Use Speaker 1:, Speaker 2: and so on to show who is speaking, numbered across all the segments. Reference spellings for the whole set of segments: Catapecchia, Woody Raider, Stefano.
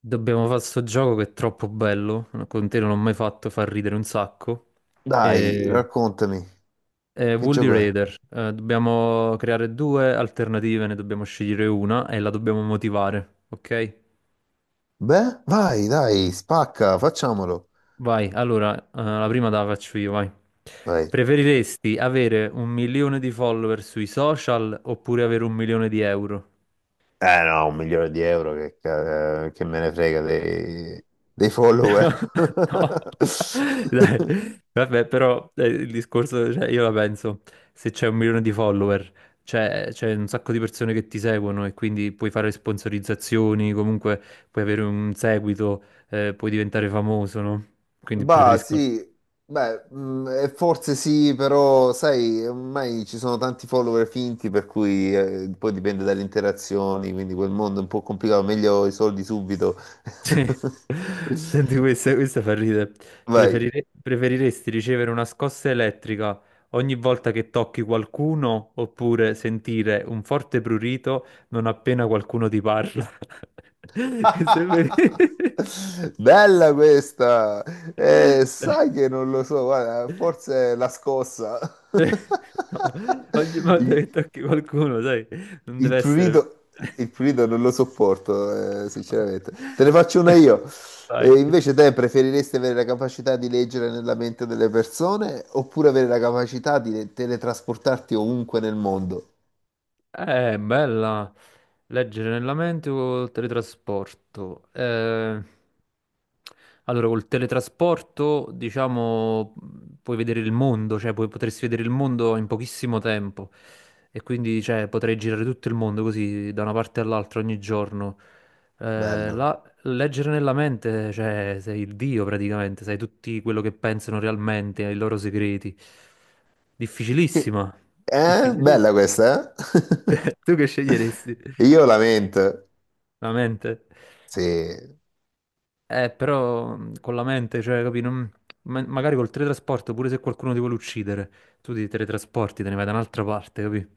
Speaker 1: Dobbiamo fare sto gioco che è troppo bello, con te non l'ho mai fatto far ridere un sacco.
Speaker 2: Dai,
Speaker 1: E...
Speaker 2: raccontami,
Speaker 1: È
Speaker 2: che
Speaker 1: Woody
Speaker 2: gioco è?
Speaker 1: Raider, dobbiamo creare due alternative, ne dobbiamo scegliere una e la dobbiamo motivare, ok?
Speaker 2: Beh, vai, dai, spacca, facciamolo.
Speaker 1: Vai, allora, la prima te la faccio io, vai.
Speaker 2: Vai.
Speaker 1: Preferiresti avere un milione di follower sui social oppure avere un milione di euro?
Speaker 2: Eh no, un milione di euro che, che me ne frega dei follower.
Speaker 1: No, dai, vabbè, però il discorso, cioè, io la penso, se c'è un milione di follower, c'è un sacco di persone che ti seguono e quindi puoi fare sponsorizzazioni, comunque puoi avere un seguito, puoi diventare famoso, no? Quindi
Speaker 2: Bah,
Speaker 1: preferisco.
Speaker 2: sì, beh, forse sì, però sai, ormai ci sono tanti follower finti, per cui poi dipende dalle interazioni, quindi quel mondo è un po' complicato, meglio i soldi subito.
Speaker 1: Sì. Senti, questa fa ridere.
Speaker 2: Vai.
Speaker 1: Preferiresti ricevere una scossa elettrica ogni volta che tocchi qualcuno oppure sentire un forte prurito non appena qualcuno ti parla? Questo è ver-
Speaker 2: Bella questa! Sai che non lo so, guarda, forse è la scossa.
Speaker 1: No, ogni volta
Speaker 2: Il,
Speaker 1: che tocchi qualcuno, sai, non
Speaker 2: il
Speaker 1: deve essere...
Speaker 2: prurito, il prurito non lo sopporto, sinceramente. Te ne faccio una io.
Speaker 1: Vai.
Speaker 2: Invece te preferiresti avere la capacità di leggere nella mente delle persone oppure avere la capacità di teletrasportarti ovunque nel mondo?
Speaker 1: Bella. Leggere nella mente o il teletrasporto? Allora, col teletrasporto, diciamo, puoi vedere il mondo, cioè puoi, potresti vedere il mondo in pochissimo tempo. E quindi, cioè, potrei girare tutto il mondo così, da una parte all'altra ogni giorno. Eh,
Speaker 2: Bello.
Speaker 1: la- leggere nella mente, cioè, sei il dio praticamente, sai tutti quello che pensano realmente, ai loro segreti.
Speaker 2: Che-
Speaker 1: Difficilissima.
Speaker 2: eh? Bella
Speaker 1: Difficilissima.
Speaker 2: questa,
Speaker 1: Tu che sceglieresti?
Speaker 2: eh? Io la mente.
Speaker 1: La mente.
Speaker 2: Sì.
Speaker 1: Però con la mente, cioè, capi, magari col teletrasporto, pure se qualcuno ti vuole uccidere, tu ti teletrasporti, te ne vai da un'altra parte, capi?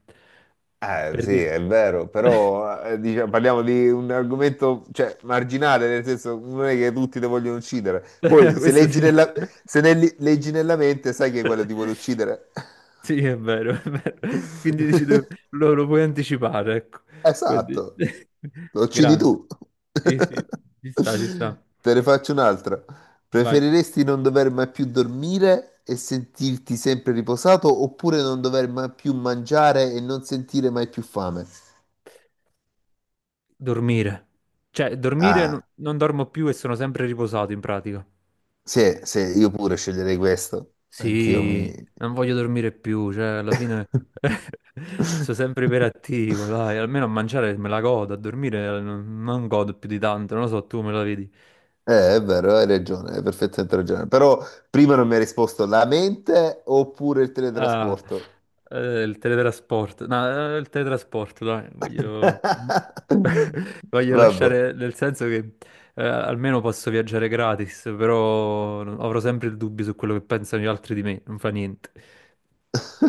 Speaker 1: Per
Speaker 2: Sì,
Speaker 1: dire...
Speaker 2: è vero, però diciamo, parliamo di un argomento, cioè, marginale, nel senso non è che tutti te vogliono uccidere. Poi se
Speaker 1: Questo
Speaker 2: leggi
Speaker 1: sì.
Speaker 2: nella, se ne li- leggi nella mente sai che quello ti vuole uccidere.
Speaker 1: Sì, è vero, è vero. Quindi dici tu, lo puoi anticipare, ecco. Quindi...
Speaker 2: Esatto, lo uccidi
Speaker 1: Grande.
Speaker 2: tu.
Speaker 1: Sì, sì, ci sta, ci sta.
Speaker 2: Te ne faccio un'altra.
Speaker 1: Vai.
Speaker 2: Preferiresti non dover mai più dormire e sentirti sempre riposato oppure non dover mai più mangiare e non sentire mai più fame?
Speaker 1: Dormire. Cioè, dormire
Speaker 2: Ah.
Speaker 1: non dormo più e sono sempre riposato in pratica.
Speaker 2: Sì, sì, io pure sceglierei questo. Anch'io mi...
Speaker 1: Sì, non voglio dormire più, cioè, alla fine sono sempre iperattivo, dai, almeno a mangiare me la godo, a dormire non godo più di tanto, non lo so, tu me la vedi.
Speaker 2: È vero, hai ragione, hai perfettamente ragione. Però prima non mi hai risposto la mente oppure il
Speaker 1: Ah,
Speaker 2: teletrasporto.
Speaker 1: il teletrasporto. No, il teletrasporto, dai, voglio... voglio
Speaker 2: Vabbè.
Speaker 1: lasciare, nel senso che almeno posso viaggiare gratis, però avrò sempre il dubbio su quello che pensano gli altri di me, non fa niente.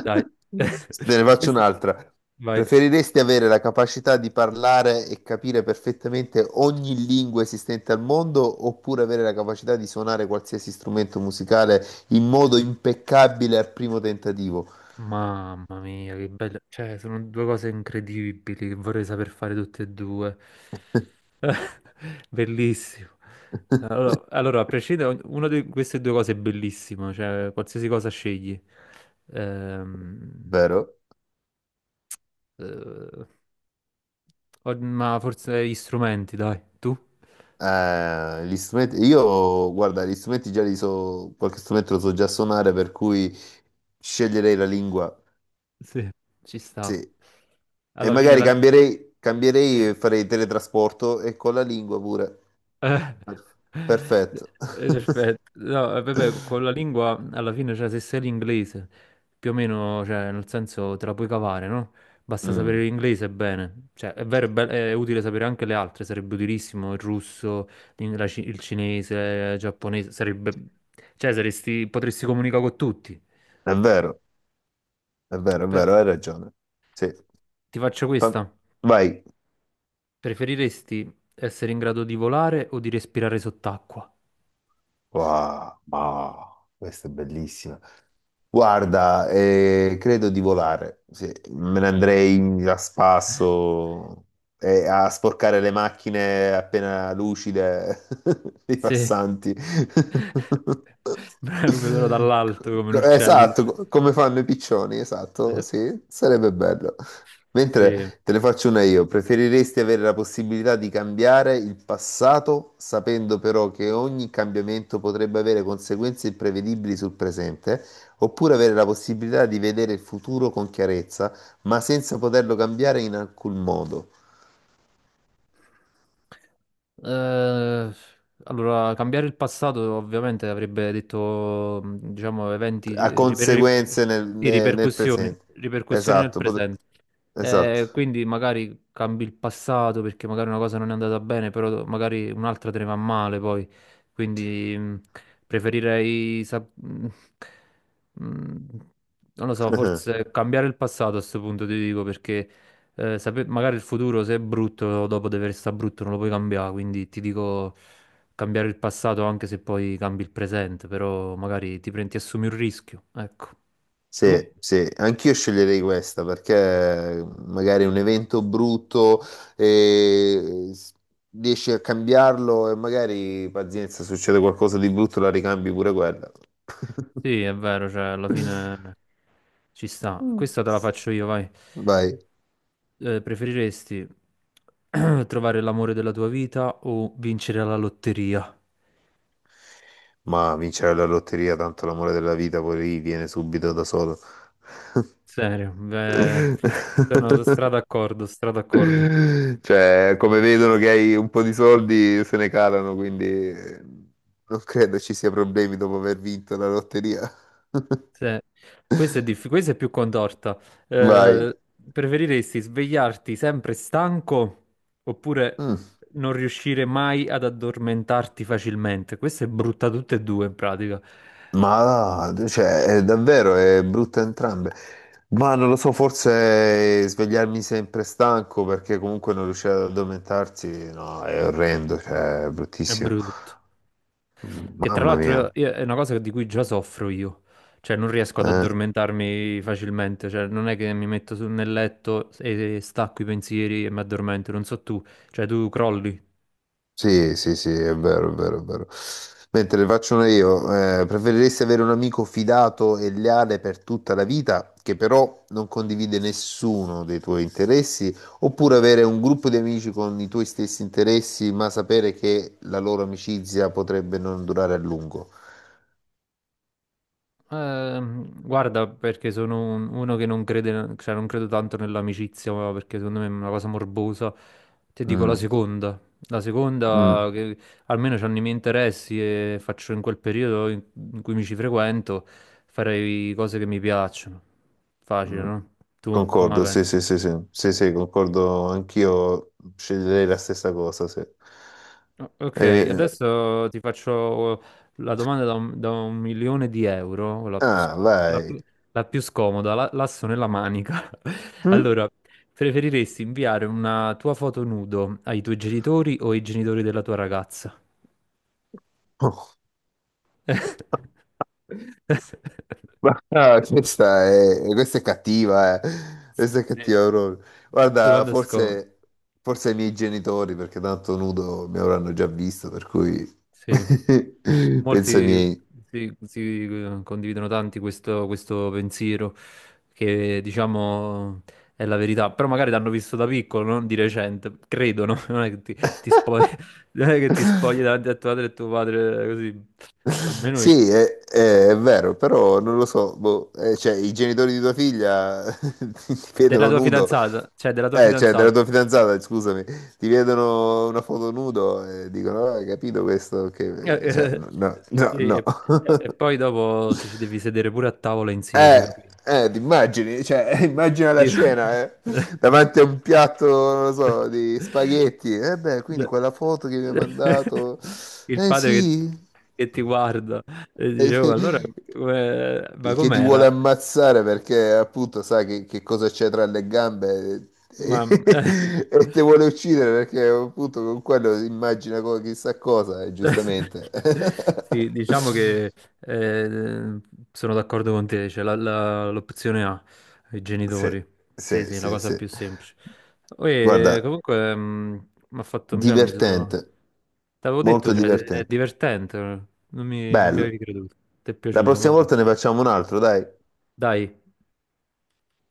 Speaker 1: Dai.
Speaker 2: Te ne faccio
Speaker 1: Questo...
Speaker 2: un'altra.
Speaker 1: Vai.
Speaker 2: Preferiresti avere la capacità di parlare e capire perfettamente ogni lingua esistente al mondo oppure avere la capacità di suonare qualsiasi strumento musicale in modo impeccabile al primo tentativo?
Speaker 1: Mamma mia, che bello. Cioè, sono due cose incredibili che vorrei saper fare tutte e due. Bellissimo. Allora, allora, a prescindere, una di queste due cose è bellissima, cioè qualsiasi cosa scegli. Ehm,
Speaker 2: Vero?
Speaker 1: eh, ma forse gli strumenti, dai, tu?
Speaker 2: Gli strumenti, io guarda, gli strumenti già li so, qualche strumento lo so già suonare, per cui sceglierei la lingua,
Speaker 1: Sì, ci sta.
Speaker 2: sì, e
Speaker 1: Alla fine
Speaker 2: magari
Speaker 1: la...
Speaker 2: cambierei,
Speaker 1: sì.
Speaker 2: cambierei e farei teletrasporto e con la lingua pure.
Speaker 1: Eh,
Speaker 2: Per- Perfetto.
Speaker 1: Perfetto. No, vabbè, con la lingua alla fine, cioè, se sei l'inglese, più o meno, cioè, nel senso te la puoi cavare, no? Basta sapere
Speaker 2: Mm,
Speaker 1: l'inglese bene. Cioè, è vero, è, è utile sapere anche le altre, sarebbe utilissimo il russo, il cinese, il giapponese, sarebbe... Cioè, potresti comunicare con tutti.
Speaker 2: è vero, è vero, è
Speaker 1: Però
Speaker 2: vero, hai ragione. Sì.
Speaker 1: ti faccio
Speaker 2: Fa-
Speaker 1: questa.
Speaker 2: Vai.
Speaker 1: Preferiresti essere in grado di volare o di respirare sott'acqua?
Speaker 2: Wow, wow, questa è bellissima. Guarda, credo di volare. Sì, me ne andrei a spasso e a sporcare le macchine appena lucide dei
Speaker 1: Sì.
Speaker 2: passanti.
Speaker 1: Bravo, lo vedrò dall'alto come un
Speaker 2: Co-
Speaker 1: uccello.
Speaker 2: Esatto, come fanno i piccioni, esatto, sì, sarebbe bello.
Speaker 1: Sì.
Speaker 2: Mentre te ne faccio una io, preferiresti avere la possibilità di cambiare il passato, sapendo però che ogni cambiamento potrebbe avere conseguenze imprevedibili sul presente? Oppure avere la possibilità di vedere il futuro con chiarezza, ma senza poterlo cambiare in alcun modo,
Speaker 1: Eh, allora, cambiare il passato ovviamente avrebbe detto, diciamo, eventi,
Speaker 2: a conseguenze nel,
Speaker 1: sì,
Speaker 2: nel
Speaker 1: ripercussioni,
Speaker 2: presente.
Speaker 1: ripercussioni nel
Speaker 2: Esatto,
Speaker 1: presente.
Speaker 2: esatto.
Speaker 1: Quindi magari cambi il passato perché magari una cosa non è andata bene, però magari un'altra te ne va male poi. Quindi preferirei, mh, non lo so, forse cambiare il passato a questo punto, ti dico, perché... Magari il futuro, se è brutto, dopo deve restare brutto, non lo puoi cambiare. Quindi ti dico cambiare il passato anche se poi cambi il presente, però magari ti prendi, ti assumi un rischio. Ecco. Tu?
Speaker 2: Sì, sì, anch'io sceglierei questa perché magari un evento brutto e riesci a cambiarlo e magari, pazienza, succede qualcosa di brutto, la ricambi pure quella.
Speaker 1: Sì, è vero, cioè alla fine ci sta.
Speaker 2: Mm.
Speaker 1: Questa te la faccio io, vai.
Speaker 2: Vai.
Speaker 1: Preferiresti trovare l'amore della tua vita o vincere alla lotteria?
Speaker 2: Ma vincere la lotteria, tanto l'amore della vita poi lì viene subito da solo.
Speaker 1: Serio, beh, sono strada d'accordo, strada d'accordo.
Speaker 2: Cioè, come vedono che hai un po' di soldi, se ne calano, quindi eh, non credo ci sia problemi dopo aver vinto la lotteria.
Speaker 1: Sì. Questa è, questa è più contorta.
Speaker 2: Vai.
Speaker 1: Eh, Preferiresti svegliarti sempre stanco oppure
Speaker 2: Mm.
Speaker 1: non riuscire mai ad addormentarti facilmente? Questa è brutta tutte e due in pratica.
Speaker 2: Ma cioè, è davvero è brutta entrambe. Ma non lo so, forse svegliarmi sempre stanco perché comunque non riuscire ad addormentarsi, no, è orrendo, cioè, è
Speaker 1: È
Speaker 2: bruttissimo.
Speaker 1: brutto. Che tra
Speaker 2: Mamma mia,
Speaker 1: l'altro è una cosa di cui già soffro io. Cioè non riesco ad
Speaker 2: eh?
Speaker 1: addormentarmi facilmente. Cioè non è che mi metto nel letto e stacco i pensieri e mi addormento. Non so tu. Cioè tu crolli.
Speaker 2: Sì, sì, sì, è vero, è vero, è vero. Mentre le faccio una io, preferiresti avere un amico fidato e leale per tutta la vita, che però non condivide nessuno dei tuoi interessi, oppure avere un gruppo di amici con i tuoi stessi interessi, ma sapere che la loro amicizia potrebbe non durare a lungo?
Speaker 1: Guarda, perché sono uno che non crede, cioè non credo tanto nell'amicizia, ma perché secondo me è una cosa morbosa. Ti dico la
Speaker 2: Mm,
Speaker 1: seconda. La seconda,
Speaker 2: mm.
Speaker 1: che almeno c'hanno i miei interessi e faccio in quel periodo in cui mi ci frequento, farei cose che mi piacciono. Facile,
Speaker 2: Mm.
Speaker 1: no? Tu come la
Speaker 2: Concordo, sì, sì,
Speaker 1: pensi?
Speaker 2: sì, sì, sì, sì, concordo, anch'io sceglierei la stessa cosa, sì.
Speaker 1: No, ok,
Speaker 2: Eh,
Speaker 1: adesso ti faccio la domanda da un milione di euro, la più,
Speaker 2: ah, vai.
Speaker 1: la più scomoda, l'asso nella manica.
Speaker 2: Mm?
Speaker 1: Allora, preferiresti inviare una tua foto nudo ai tuoi genitori o ai genitori della tua ragazza?
Speaker 2: Oh, questa è cattiva, eh. Questa è
Speaker 1: Sì,
Speaker 2: cattiva proprio. Guarda,
Speaker 1: domanda scomoda.
Speaker 2: forse i miei genitori, perché tanto nudo mi avranno già visto, per cui
Speaker 1: Sì.
Speaker 2: penso ai
Speaker 1: Molti
Speaker 2: miei.
Speaker 1: si, si condividono tanti questo pensiero che diciamo è la verità, però magari l'hanno visto da piccolo, non di recente, credono, non è che ti spogli, non è che ti spogli davanti a tua madre e tuo padre così, almeno io.
Speaker 2: Sì, è, è vero, però non lo so, boh, cioè, i genitori di tua figlia ti
Speaker 1: Della
Speaker 2: vedono
Speaker 1: tua
Speaker 2: nudo,
Speaker 1: fidanzata, cioè della tua
Speaker 2: cioè della
Speaker 1: fidanzata.
Speaker 2: tua fidanzata, scusami, ti vedono una foto nudo e dicono, "Ah, hai capito questo?
Speaker 1: Eh,
Speaker 2: Che... Cioè,
Speaker 1: eh,
Speaker 2: no, no, no.
Speaker 1: sì,
Speaker 2: no."
Speaker 1: e poi dopo ti ci devi sedere pure a tavola insieme,
Speaker 2: Eh,
Speaker 1: capito?
Speaker 2: ti immagini, cioè, immagina la
Speaker 1: Dico-
Speaker 2: scena, davanti a un piatto, non lo so, di spaghetti, eh beh, quindi quella foto che mi ha mandato,
Speaker 1: Il
Speaker 2: eh
Speaker 1: padre che,
Speaker 2: sì.
Speaker 1: che ti guarda e dicevo, allora,
Speaker 2: che,
Speaker 1: ma
Speaker 2: ti vuole
Speaker 1: com'era?
Speaker 2: ammazzare perché appunto sa che, cosa c'è tra le gambe
Speaker 1: Ma
Speaker 2: e, e te vuole uccidere perché appunto con quello si immagina chissà cosa, e giustamente.
Speaker 1: Sì, diciamo che eh, sono d'accordo con te, cioè l'opzione A, i
Speaker 2: Sì,
Speaker 1: genitori. Sì,
Speaker 2: sì,
Speaker 1: sì, la
Speaker 2: sì,
Speaker 1: cosa più
Speaker 2: sì.
Speaker 1: semplice. E,
Speaker 2: Guarda,
Speaker 1: comunque mi ha fatto, cioè, mi sono...
Speaker 2: divertente,
Speaker 1: T'avevo
Speaker 2: molto
Speaker 1: detto, cioè, è
Speaker 2: divertente.
Speaker 1: divertente, non mi avevi
Speaker 2: Bello.
Speaker 1: creduto. Ti è
Speaker 2: La
Speaker 1: piaciuto,
Speaker 2: prossima
Speaker 1: vabbè.
Speaker 2: volta ne facciamo un altro, dai.
Speaker 1: Dai,